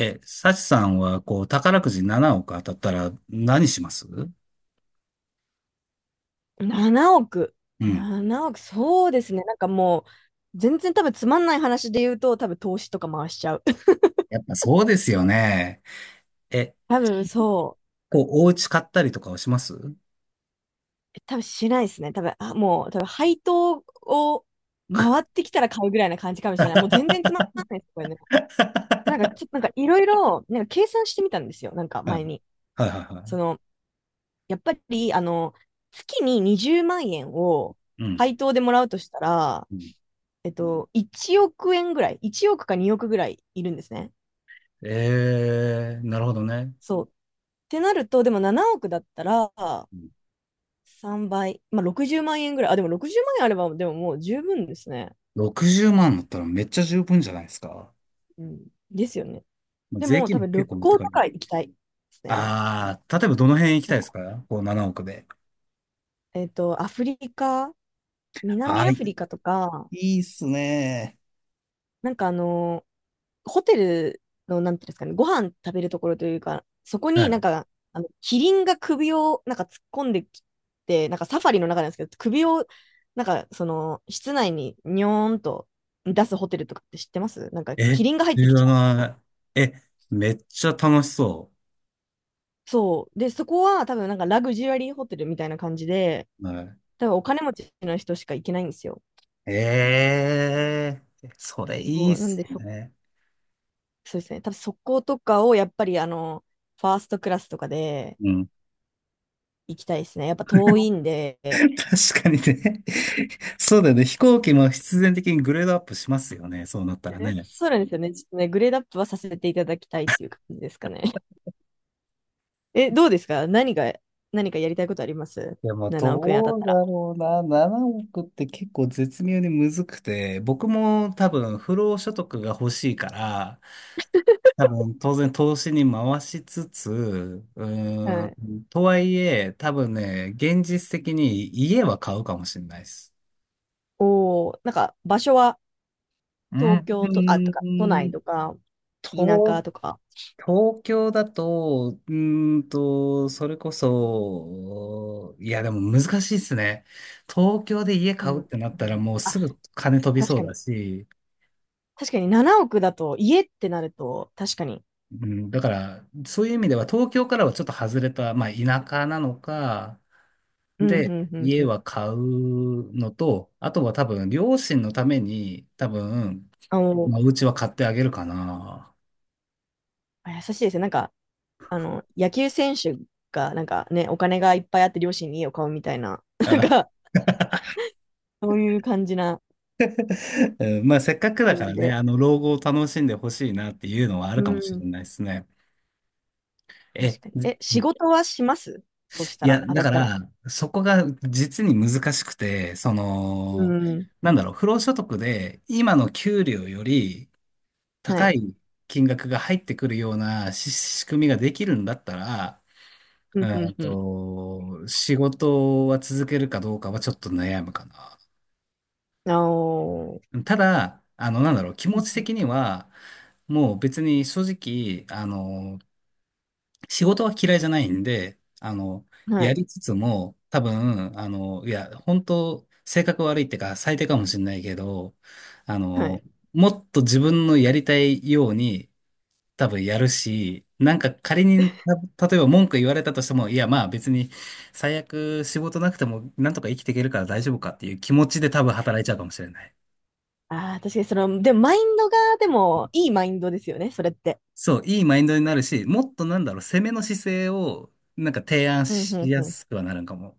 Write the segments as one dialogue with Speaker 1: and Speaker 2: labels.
Speaker 1: サチさんは、こう、宝くじ7億当たったら何します
Speaker 2: 7億。
Speaker 1: うん。
Speaker 2: 7億。そうですね。なんかもう、全然多分つまんない話で言うと、多分投資とか回しちゃう。
Speaker 1: やっぱそうですよね。え、
Speaker 2: 多分そ
Speaker 1: こう、お家買ったりとかはします？ は
Speaker 2: う。多分しないですね。多分、あ、もう、多分配当を回ってきたら買うぐらいな感じかもしれない。もう全然つまんないですよね。なんかちょっとなんかいろいろ、なんか計算してみたんですよ。なんか
Speaker 1: いは
Speaker 2: 前に。
Speaker 1: いはい
Speaker 2: そ
Speaker 1: は
Speaker 2: の、やっぱり、月に20万円を
Speaker 1: い。うん。
Speaker 2: 配当でもらうとしたら、
Speaker 1: うん。
Speaker 2: 1億円ぐらい、1億か2億ぐらいいるんですね。
Speaker 1: なるほどね。
Speaker 2: そう。てなると、でも7億だったら
Speaker 1: うん。
Speaker 2: 3倍、まあ60万円ぐらい。あ、でも60万円あれば、でももう十分ですね。
Speaker 1: 60万だったらめっちゃ十分じゃないですか。
Speaker 2: うん。ですよね。
Speaker 1: まあ
Speaker 2: で
Speaker 1: 税
Speaker 2: も
Speaker 1: 金
Speaker 2: 多
Speaker 1: も
Speaker 2: 分
Speaker 1: 結
Speaker 2: 旅
Speaker 1: 構持って
Speaker 2: 行
Speaker 1: か
Speaker 2: と
Speaker 1: れる。
Speaker 2: か行きたいですね。
Speaker 1: あー、例えばどの辺行き
Speaker 2: なん
Speaker 1: たいです
Speaker 2: か、
Speaker 1: か？こう7億で。
Speaker 2: アフリカ、
Speaker 1: あ
Speaker 2: 南アフ
Speaker 1: ー、
Speaker 2: リカとか、
Speaker 1: いいっすね。
Speaker 2: なんかあのホテルの、なんていうんですかね、ご飯食べるところというか、そこになんか、あの、キリンが首をなんか突っ込んできて、なんかサファリの中なんですけど、首を、なんか、その、室内ににょーんと出すホテルとかって知ってます？なんか、キ
Speaker 1: え、
Speaker 2: リンが入っ
Speaker 1: 知
Speaker 2: てき
Speaker 1: ら
Speaker 2: ちゃうみたいな。
Speaker 1: ない。え、めっちゃ楽しそ
Speaker 2: そう。で、そこは多分なんかラグジュアリーホテルみたいな感じで、
Speaker 1: う。はい。
Speaker 2: 多分お金持ちの人しか行けないんですよ。
Speaker 1: それいい
Speaker 2: そ
Speaker 1: っ
Speaker 2: うなん
Speaker 1: す
Speaker 2: でそ、
Speaker 1: ね。
Speaker 2: そうですね。多分そことかをやっぱりあの、ファーストクラスとかで
Speaker 1: うん。
Speaker 2: 行きたいですね。やっぱ遠いんで、
Speaker 1: 確かにね。そうだよね。飛行機も必然的にグレードアップしますよね。そうなったらね。
Speaker 2: そうなんですよね。ちょっとね、グレードアップはさせていただきたいっていう感じですかね。どうですか？何かやりたいことあります？
Speaker 1: でも、
Speaker 2: 7 億円当た
Speaker 1: ど
Speaker 2: っ
Speaker 1: う
Speaker 2: た
Speaker 1: だろうな。7億って結構絶妙にむずくて、僕も多分、不労所得が欲しいから、多分、当然投資に回しつつ、
Speaker 2: ら。はい。
Speaker 1: とはいえ、多分ね、現実的に家は買うかもしれないです。
Speaker 2: おー、なんか場所は
Speaker 1: うん。
Speaker 2: 東京と、あ、とか、都内とか、田舎
Speaker 1: 東、
Speaker 2: とか。
Speaker 1: 東京だと、それこそ、いや、でも難しいですね。東京で家
Speaker 2: う
Speaker 1: 買
Speaker 2: ん。
Speaker 1: うってなったら、もう
Speaker 2: あ、
Speaker 1: すぐ金飛び
Speaker 2: 確
Speaker 1: そう
Speaker 2: か
Speaker 1: だ
Speaker 2: に。
Speaker 1: し、
Speaker 2: 確かに7億だと、家ってなると、確かに。
Speaker 1: うん、だから、そういう意味では、東京からはちょっと外れた、まあ、田舎なのか、
Speaker 2: うん、う
Speaker 1: で、
Speaker 2: ん、うん、う
Speaker 1: 家は
Speaker 2: ん。
Speaker 1: 買うのと、あとは多分、両親のために、多分、
Speaker 2: あの、
Speaker 1: まあ、お家は買ってあげるかな。
Speaker 2: あ、優しいですね。なんか、あの、野球選手が、なんかね、お金がいっぱいあって両親に家を買うみたいな、なん
Speaker 1: あ、
Speaker 2: か、そういう感じな
Speaker 1: うん。まあ、せっかくだか
Speaker 2: 感じ
Speaker 1: らね、
Speaker 2: で。
Speaker 1: 老後を楽しんでほしいなっていうのはある
Speaker 2: う
Speaker 1: かもし
Speaker 2: ん。
Speaker 1: れないですね。え、
Speaker 2: 確かに。
Speaker 1: じ
Speaker 2: 仕事はします？そした
Speaker 1: い
Speaker 2: ら、
Speaker 1: や、
Speaker 2: 当
Speaker 1: だ
Speaker 2: たっ
Speaker 1: か
Speaker 2: たら。
Speaker 1: ら、そこが実に難しくて、そ
Speaker 2: う
Speaker 1: の、
Speaker 2: ん。
Speaker 1: なんだろう、不労所得で、今の給料より
Speaker 2: は
Speaker 1: 高
Speaker 2: い。
Speaker 1: い金額が入ってくるような仕組みができるんだったら、
Speaker 2: うんうんうん。
Speaker 1: 仕事は続けるかどうかはちょっと悩むかな。
Speaker 2: あおー。
Speaker 1: ただ、なんだろう、気
Speaker 2: う
Speaker 1: 持
Speaker 2: ん
Speaker 1: ち
Speaker 2: う
Speaker 1: 的には、もう別に正直、仕事は嫌いじゃないんで、
Speaker 2: んは
Speaker 1: や
Speaker 2: い。
Speaker 1: りつつも、多分、いや、本当性格悪いってか、最低かもしれないけど、あ
Speaker 2: は
Speaker 1: の、
Speaker 2: い。
Speaker 1: もっと自分のやりたいように多分やるし、なんか仮に、例えば文句言われたとしても、いやまあ別に最悪仕事なくてもなんとか生きていけるから大丈夫かっていう気持ちで多分働いちゃうかもしれない。
Speaker 2: ああ、確かにその、でもマインドが、でも、いいマインドですよね、それって。
Speaker 1: そう、いいマインドになるし、もっとなんだろう、攻めの姿勢をなんか提案
Speaker 2: うんう
Speaker 1: し
Speaker 2: ん
Speaker 1: や
Speaker 2: うん。
Speaker 1: すくはなるんかも。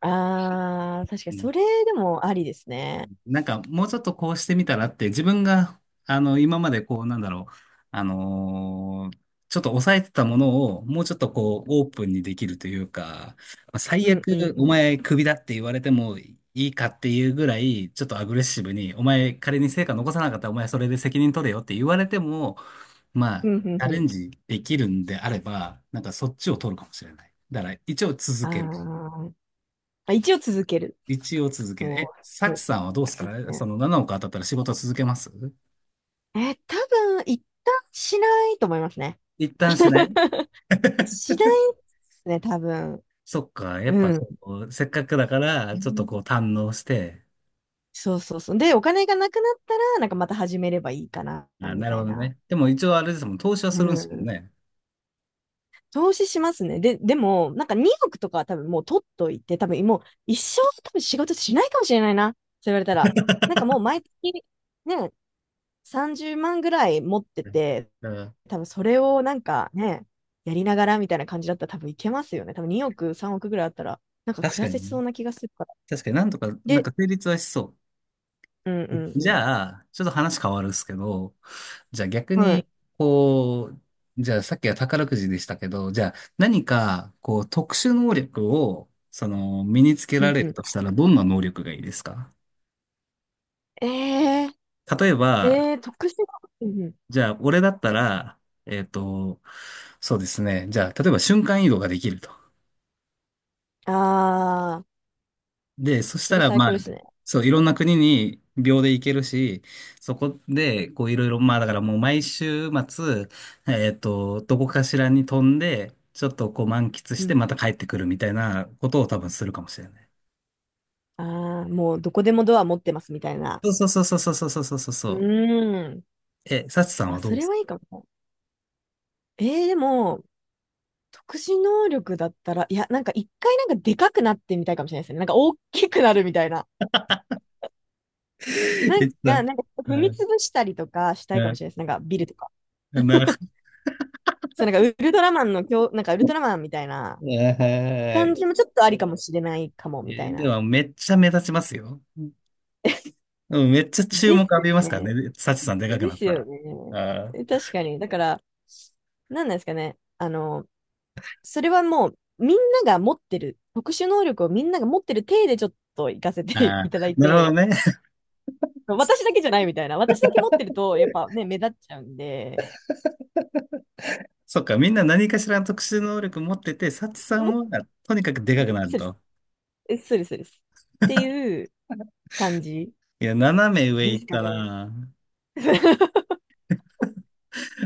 Speaker 2: ああ、確かにそれでもありですね。
Speaker 1: なんかもうちょっとこうしてみたらって自分が今までこうなんだろうあのーちょっと抑えてたものをもうちょっとこうオープンにできるというか、まあ、最
Speaker 2: うんうん
Speaker 1: 悪
Speaker 2: う
Speaker 1: お
Speaker 2: ん。
Speaker 1: 前クビだって言われてもいいかっていうぐらいちょっとアグレッシブに、お前仮に成果残さなかったらお前それで責任取れよって言われてもまあ
Speaker 2: うんうん
Speaker 1: チャ
Speaker 2: う
Speaker 1: レ
Speaker 2: ん。
Speaker 1: ンジできるんであればなんかそっちを取るかもしれない。だから一応続
Speaker 2: あ
Speaker 1: ける。
Speaker 2: ーあ、一応続ける。
Speaker 1: 一応続ける。
Speaker 2: もう、す
Speaker 1: サ
Speaker 2: ごい、
Speaker 1: チさんはどうです
Speaker 2: いいです
Speaker 1: か、そ
Speaker 2: ね。
Speaker 1: の7億当たったら仕事続けます？
Speaker 2: 多分、一旦しないと思いますね。
Speaker 1: 一旦しない？
Speaker 2: しないですね、多分。
Speaker 1: そっか。やっぱ
Speaker 2: うん。
Speaker 1: こう、せっかくだか
Speaker 2: う
Speaker 1: ら、ちょっとこう
Speaker 2: ん
Speaker 1: 堪能して。
Speaker 2: そうそうそう。で、お金がなくなったら、なんかまた始めればいいかな、
Speaker 1: あ、
Speaker 2: み
Speaker 1: なる
Speaker 2: た
Speaker 1: ほ
Speaker 2: い
Speaker 1: ど
Speaker 2: な。
Speaker 1: ね。でも一応あれですもん、投資は
Speaker 2: う
Speaker 1: するんですもん
Speaker 2: ん。
Speaker 1: ね。
Speaker 2: 投資しますね。で、でも、なんか2億とかは多分もう取っといて、多分もう一生多分仕事しないかもしれないな、そう言われたら。なんかもう毎月ね、30万ぐらい持って
Speaker 1: うん。
Speaker 2: て、
Speaker 1: だから
Speaker 2: 多分それをなんかね、やりながらみたいな感じだったら多分いけますよね。多分2億、3億ぐらいあったら、なんか暮
Speaker 1: 確
Speaker 2: ら
Speaker 1: か
Speaker 2: せ
Speaker 1: に
Speaker 2: そ
Speaker 1: ね。
Speaker 2: うな気がするから。
Speaker 1: 確かになんとか、なん
Speaker 2: で、
Speaker 1: か成立はしそう。
Speaker 2: うんう
Speaker 1: じ
Speaker 2: ん
Speaker 1: ゃあ、ちょっと話変わるっすけど、じゃあ逆
Speaker 2: はい。
Speaker 1: に、こう、じゃあさっきは宝くじでしたけど、じゃあ何か、こう、特殊能力を、その、身につけ
Speaker 2: う
Speaker 1: ら
Speaker 2: ん
Speaker 1: れ
Speaker 2: う
Speaker 1: る
Speaker 2: ん。
Speaker 1: としたら、どんな能力がいいですか？
Speaker 2: えー、
Speaker 1: 例えば、
Speaker 2: 特殊な。うんうん。
Speaker 1: じゃあ俺だったら、えっと、そうですね。じゃあ、例えば瞬間移動ができると。
Speaker 2: ああ、
Speaker 1: で、そし
Speaker 2: そ
Speaker 1: た
Speaker 2: れ
Speaker 1: ら、
Speaker 2: 最
Speaker 1: ま
Speaker 2: 高
Speaker 1: あ、
Speaker 2: ですね。
Speaker 1: そう、いろんな国に秒で行けるし、そこで、こう、いろいろ、まあ、だからもう毎週末、どこかしらに飛んで、ちょっとこう満喫し
Speaker 2: う
Speaker 1: て、
Speaker 2: ん。
Speaker 1: また帰ってくるみたいなことを多分するかもしれない。
Speaker 2: ああ、もうどこでもドア持ってますみたいな。
Speaker 1: そうそうそうそうそうそうそうそう
Speaker 2: う
Speaker 1: そ
Speaker 2: ーん。
Speaker 1: う。サチさん
Speaker 2: あ、
Speaker 1: はどう
Speaker 2: そ
Speaker 1: で
Speaker 2: れ
Speaker 1: すか？
Speaker 2: はいいかも。でも、特殊能力だったら、いや、なんか一回なんかでかくなってみたいかもしれないですね。なんか大きくなるみたいな。な
Speaker 1: えっ
Speaker 2: ん
Speaker 1: と、
Speaker 2: か、なんか踏
Speaker 1: う
Speaker 2: み
Speaker 1: ん、
Speaker 2: 潰したりとかしたいかも
Speaker 1: う
Speaker 2: しれないです。なんかビルとか。
Speaker 1: ん、なるほ
Speaker 2: そう、なんかウルトラマンの強、なんかウルトラマンみたいな
Speaker 1: ど え
Speaker 2: 感
Speaker 1: ー
Speaker 2: じもちょっとありかもしれないかも、みた
Speaker 1: え
Speaker 2: い
Speaker 1: で
Speaker 2: な。
Speaker 1: も、めっちゃ目立ちますよ。うん、めっちゃ注
Speaker 2: で
Speaker 1: 目
Speaker 2: す
Speaker 1: 浴
Speaker 2: よ
Speaker 1: びますから
Speaker 2: ね。
Speaker 1: ね、サチさんでかく
Speaker 2: で
Speaker 1: なっ
Speaker 2: す
Speaker 1: た
Speaker 2: よ
Speaker 1: ら。あ
Speaker 2: ね。
Speaker 1: ー
Speaker 2: 確かに。だから、なんなんですかね。あの、それはもう、みんなが持ってる、特殊能力をみんなが持ってる体でちょっと行かせて
Speaker 1: あ あ、
Speaker 2: いただい
Speaker 1: なるほど
Speaker 2: て、
Speaker 1: ね。
Speaker 2: 私だけじゃないみたいな。私だけ持ってる と、やっぱね、目立っちゃうんで、
Speaker 1: そっか、みんな何かしらの特殊能力持ってて、サチさん
Speaker 2: 持っ
Speaker 1: はとにかくで
Speaker 2: て
Speaker 1: かく
Speaker 2: る、
Speaker 1: なる
Speaker 2: そうです、
Speaker 1: と。
Speaker 2: そうです、そうです。っていう感じ
Speaker 1: いや、斜め上
Speaker 2: で
Speaker 1: 行っ
Speaker 2: すか
Speaker 1: た
Speaker 2: ね。
Speaker 1: な。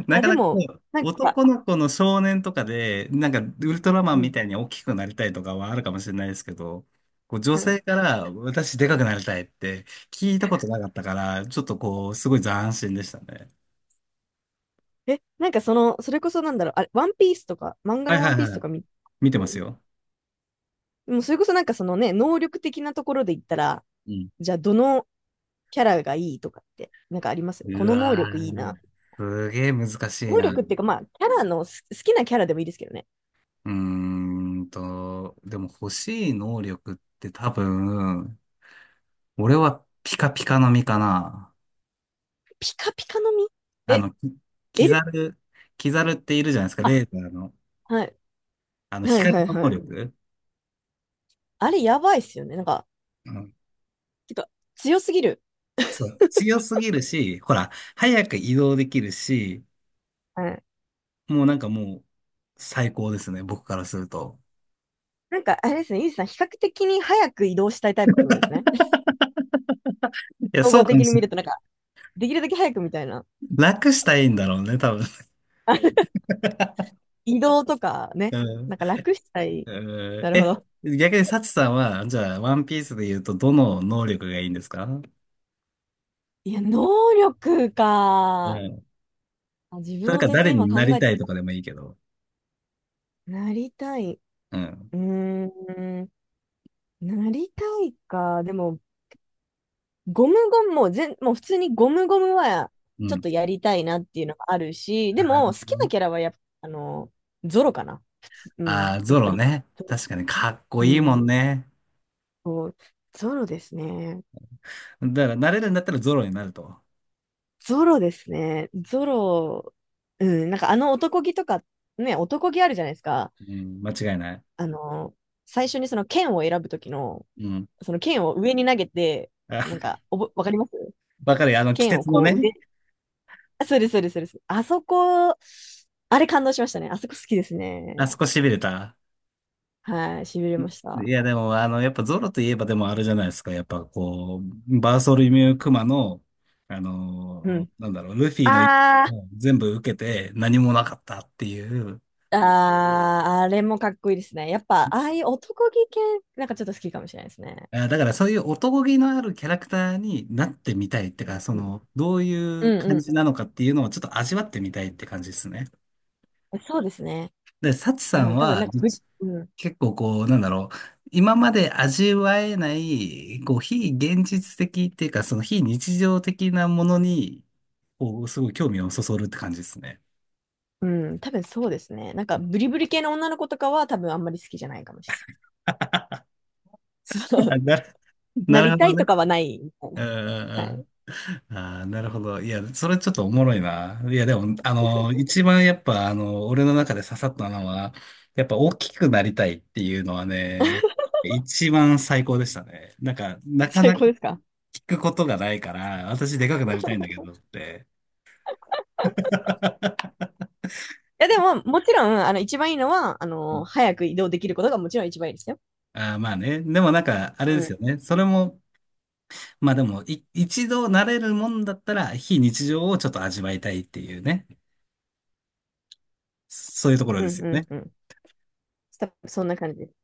Speaker 1: な
Speaker 2: あ、
Speaker 1: か
Speaker 2: で
Speaker 1: なかこ
Speaker 2: も、
Speaker 1: う、
Speaker 2: なんか、
Speaker 1: 男の子の少年とかで、なんかウルトラマン
Speaker 2: う
Speaker 1: み
Speaker 2: ん。
Speaker 1: たいに大きくなりたいとかはあるかもしれないですけど、こう女
Speaker 2: うん
Speaker 1: 性から私でかくなりたいって聞いたことなかったから、ちょっとこう、すごい斬新でしたね。
Speaker 2: え、なんかその、それこそなんだろう、あれ、ワンピースとか、漫画
Speaker 1: はい
Speaker 2: のワ
Speaker 1: は
Speaker 2: ンピー
Speaker 1: い
Speaker 2: ス
Speaker 1: は
Speaker 2: と
Speaker 1: い。
Speaker 2: か見て、
Speaker 1: 見てますよ。
Speaker 2: もうそれこそなんかそのね、能力的なところで言ったら、
Speaker 1: うん。
Speaker 2: じゃあどのキャラがいいとかって、なんかあります？こ
Speaker 1: う
Speaker 2: の能
Speaker 1: わ
Speaker 2: 力いい
Speaker 1: ー、
Speaker 2: な。
Speaker 1: すげえ難しい
Speaker 2: 能
Speaker 1: な。
Speaker 2: 力っていうか、まあ、キャラの好きなキャラでもいいですけどね。
Speaker 1: うーでも欲しい能力って多分、俺はピカピカの実かな。
Speaker 2: ピカピカの実。
Speaker 1: あ
Speaker 2: え、
Speaker 1: の、キ
Speaker 2: え
Speaker 1: キザル、キザルっているじゃないですか、レ
Speaker 2: あ、
Speaker 1: ーザーの。
Speaker 2: はい。はい
Speaker 1: 光
Speaker 2: はい
Speaker 1: の
Speaker 2: は
Speaker 1: 能
Speaker 2: い。
Speaker 1: 力。
Speaker 2: あれやばいっすよね。なんか、
Speaker 1: うん、
Speaker 2: てか、強すぎる。
Speaker 1: そう。強すぎるし、ほら、早く移動できるし、
Speaker 2: はい。
Speaker 1: もうなんかもう、最高ですね、僕からすると。
Speaker 2: なんか、あれですね、ゆうじさん、比較的に早く移動したいタイプってことですね。
Speaker 1: いや、
Speaker 2: 総
Speaker 1: そう
Speaker 2: 合
Speaker 1: か
Speaker 2: 的
Speaker 1: も
Speaker 2: に
Speaker 1: し
Speaker 2: 見
Speaker 1: れな
Speaker 2: る
Speaker 1: い。
Speaker 2: と、なんか、できるだけ早くみたいな。
Speaker 1: 楽したいんだろうね、多分。
Speaker 2: あの移動とかね、
Speaker 1: うん。
Speaker 2: なんか楽したい。
Speaker 1: う
Speaker 2: な
Speaker 1: ん。
Speaker 2: るほど。
Speaker 1: 逆にサチさんは、じゃあ、ワンピースで言うと、どの能力がいいんですか？
Speaker 2: いや、能力
Speaker 1: う
Speaker 2: か。
Speaker 1: ん。
Speaker 2: あ、自
Speaker 1: そ
Speaker 2: 分
Speaker 1: れ
Speaker 2: は
Speaker 1: か
Speaker 2: 全然
Speaker 1: 誰
Speaker 2: 今
Speaker 1: にな
Speaker 2: 考
Speaker 1: り
Speaker 2: え、
Speaker 1: たいとかでもいいけど。
Speaker 2: なりたい。
Speaker 1: うん。
Speaker 2: うーん、なりたいか。でも、ゴムゴムも、もう普通にゴムゴムは、
Speaker 1: う
Speaker 2: ちょっ
Speaker 1: ん。
Speaker 2: とやりたいなっていうのがあるし、で
Speaker 1: あ
Speaker 2: も、
Speaker 1: ー、
Speaker 2: 好きな
Speaker 1: ね。
Speaker 2: キャラはやっぱ、あの、ゾロかな。うん、
Speaker 1: あー、
Speaker 2: やっ
Speaker 1: ゾ
Speaker 2: ぱ
Speaker 1: ロ
Speaker 2: り。
Speaker 1: ね。
Speaker 2: ゾロ、
Speaker 1: 確かにかっこ
Speaker 2: う
Speaker 1: いいもん
Speaker 2: ん、
Speaker 1: ね。
Speaker 2: そう、ゾロですね。
Speaker 1: だから、なれるんだったらゾロになると。
Speaker 2: ゾロですね。ゾロ、うん、なんかあの男気とか、ね、男気あるじゃないですか。
Speaker 1: うん、間違いない。
Speaker 2: あの、最初にその剣を選ぶときの、
Speaker 1: うん。
Speaker 2: その剣を上に投げて、なん
Speaker 1: あ、
Speaker 2: か、わかります？
Speaker 1: わかるよ。鬼
Speaker 2: 剣を
Speaker 1: 徹の
Speaker 2: こう上、
Speaker 1: ね、
Speaker 2: あ、そうです、そうです、そうです。あそこ、あれ感動しましたね。あそこ好きです
Speaker 1: あ
Speaker 2: ね。
Speaker 1: そこ痺れた。
Speaker 2: はい、しびれました。
Speaker 1: いや、でも、やっぱゾロといえばでもあれじゃないですか。やっぱこう、バーソルミュークマの、
Speaker 2: うん。
Speaker 1: なんだろう、ルフィの一撃
Speaker 2: あ
Speaker 1: を全部受けて何もなかったっていう。
Speaker 2: あ、ああ、あれもかっこいいですね。やっぱ、ああいう男気系、なんかちょっと好きかもしれないですね。
Speaker 1: あ、だからそういう男気のあるキャラクターになってみたいってか、そ
Speaker 2: うん、
Speaker 1: の、どういう
Speaker 2: う
Speaker 1: 感
Speaker 2: ん、
Speaker 1: じなのかっていうのをちょっと味わってみたいって感じですね。
Speaker 2: うん。そうですね。
Speaker 1: で、サチさ
Speaker 2: う
Speaker 1: ん
Speaker 2: ん、多分
Speaker 1: は、
Speaker 2: なんか
Speaker 1: どっち
Speaker 2: うん、
Speaker 1: 結構こう、なんだろう、今まで味わえない、こう、非現実的っていうか、その非日常的なものに、こう、すごい興味をそそるって感じですね。
Speaker 2: うん、多分そうですね。なんか、ブリブリ系の女の子とかは多分あんまり好きじゃないかもしれな い。そ
Speaker 1: な
Speaker 2: う
Speaker 1: る、
Speaker 2: な
Speaker 1: な
Speaker 2: り
Speaker 1: る
Speaker 2: た
Speaker 1: ほど
Speaker 2: いと
Speaker 1: ね。
Speaker 2: かはないみたい
Speaker 1: う
Speaker 2: な。
Speaker 1: んう
Speaker 2: は
Speaker 1: ん
Speaker 2: い。
Speaker 1: うん。ああ、なるほど。いや、それちょっとおもろいな。いや、でも、一番やっぱ、俺の中で刺さったのは、やっぱ大きくなりたいっていうのはね、一番最高でしたね。なんか、なか
Speaker 2: 最
Speaker 1: なか
Speaker 2: 高ですか？
Speaker 1: 聞くことがないから、私でかくなりたいんだけどって。
Speaker 2: いや、でも、もちろん、あの、一番いいのは、あの、早く移動できることがもちろん一番いいですよ。
Speaker 1: ああ、まあね。でもなんか、あれ
Speaker 2: う
Speaker 1: です
Speaker 2: ん。
Speaker 1: よね。それも、まあでも、一度慣れるもんだったら、非日常をちょっと味わいたいっていうね。そういうところ
Speaker 2: う
Speaker 1: で
Speaker 2: ん、
Speaker 1: すよ
Speaker 2: うん、
Speaker 1: ね。
Speaker 2: うん。多分そんな感じです。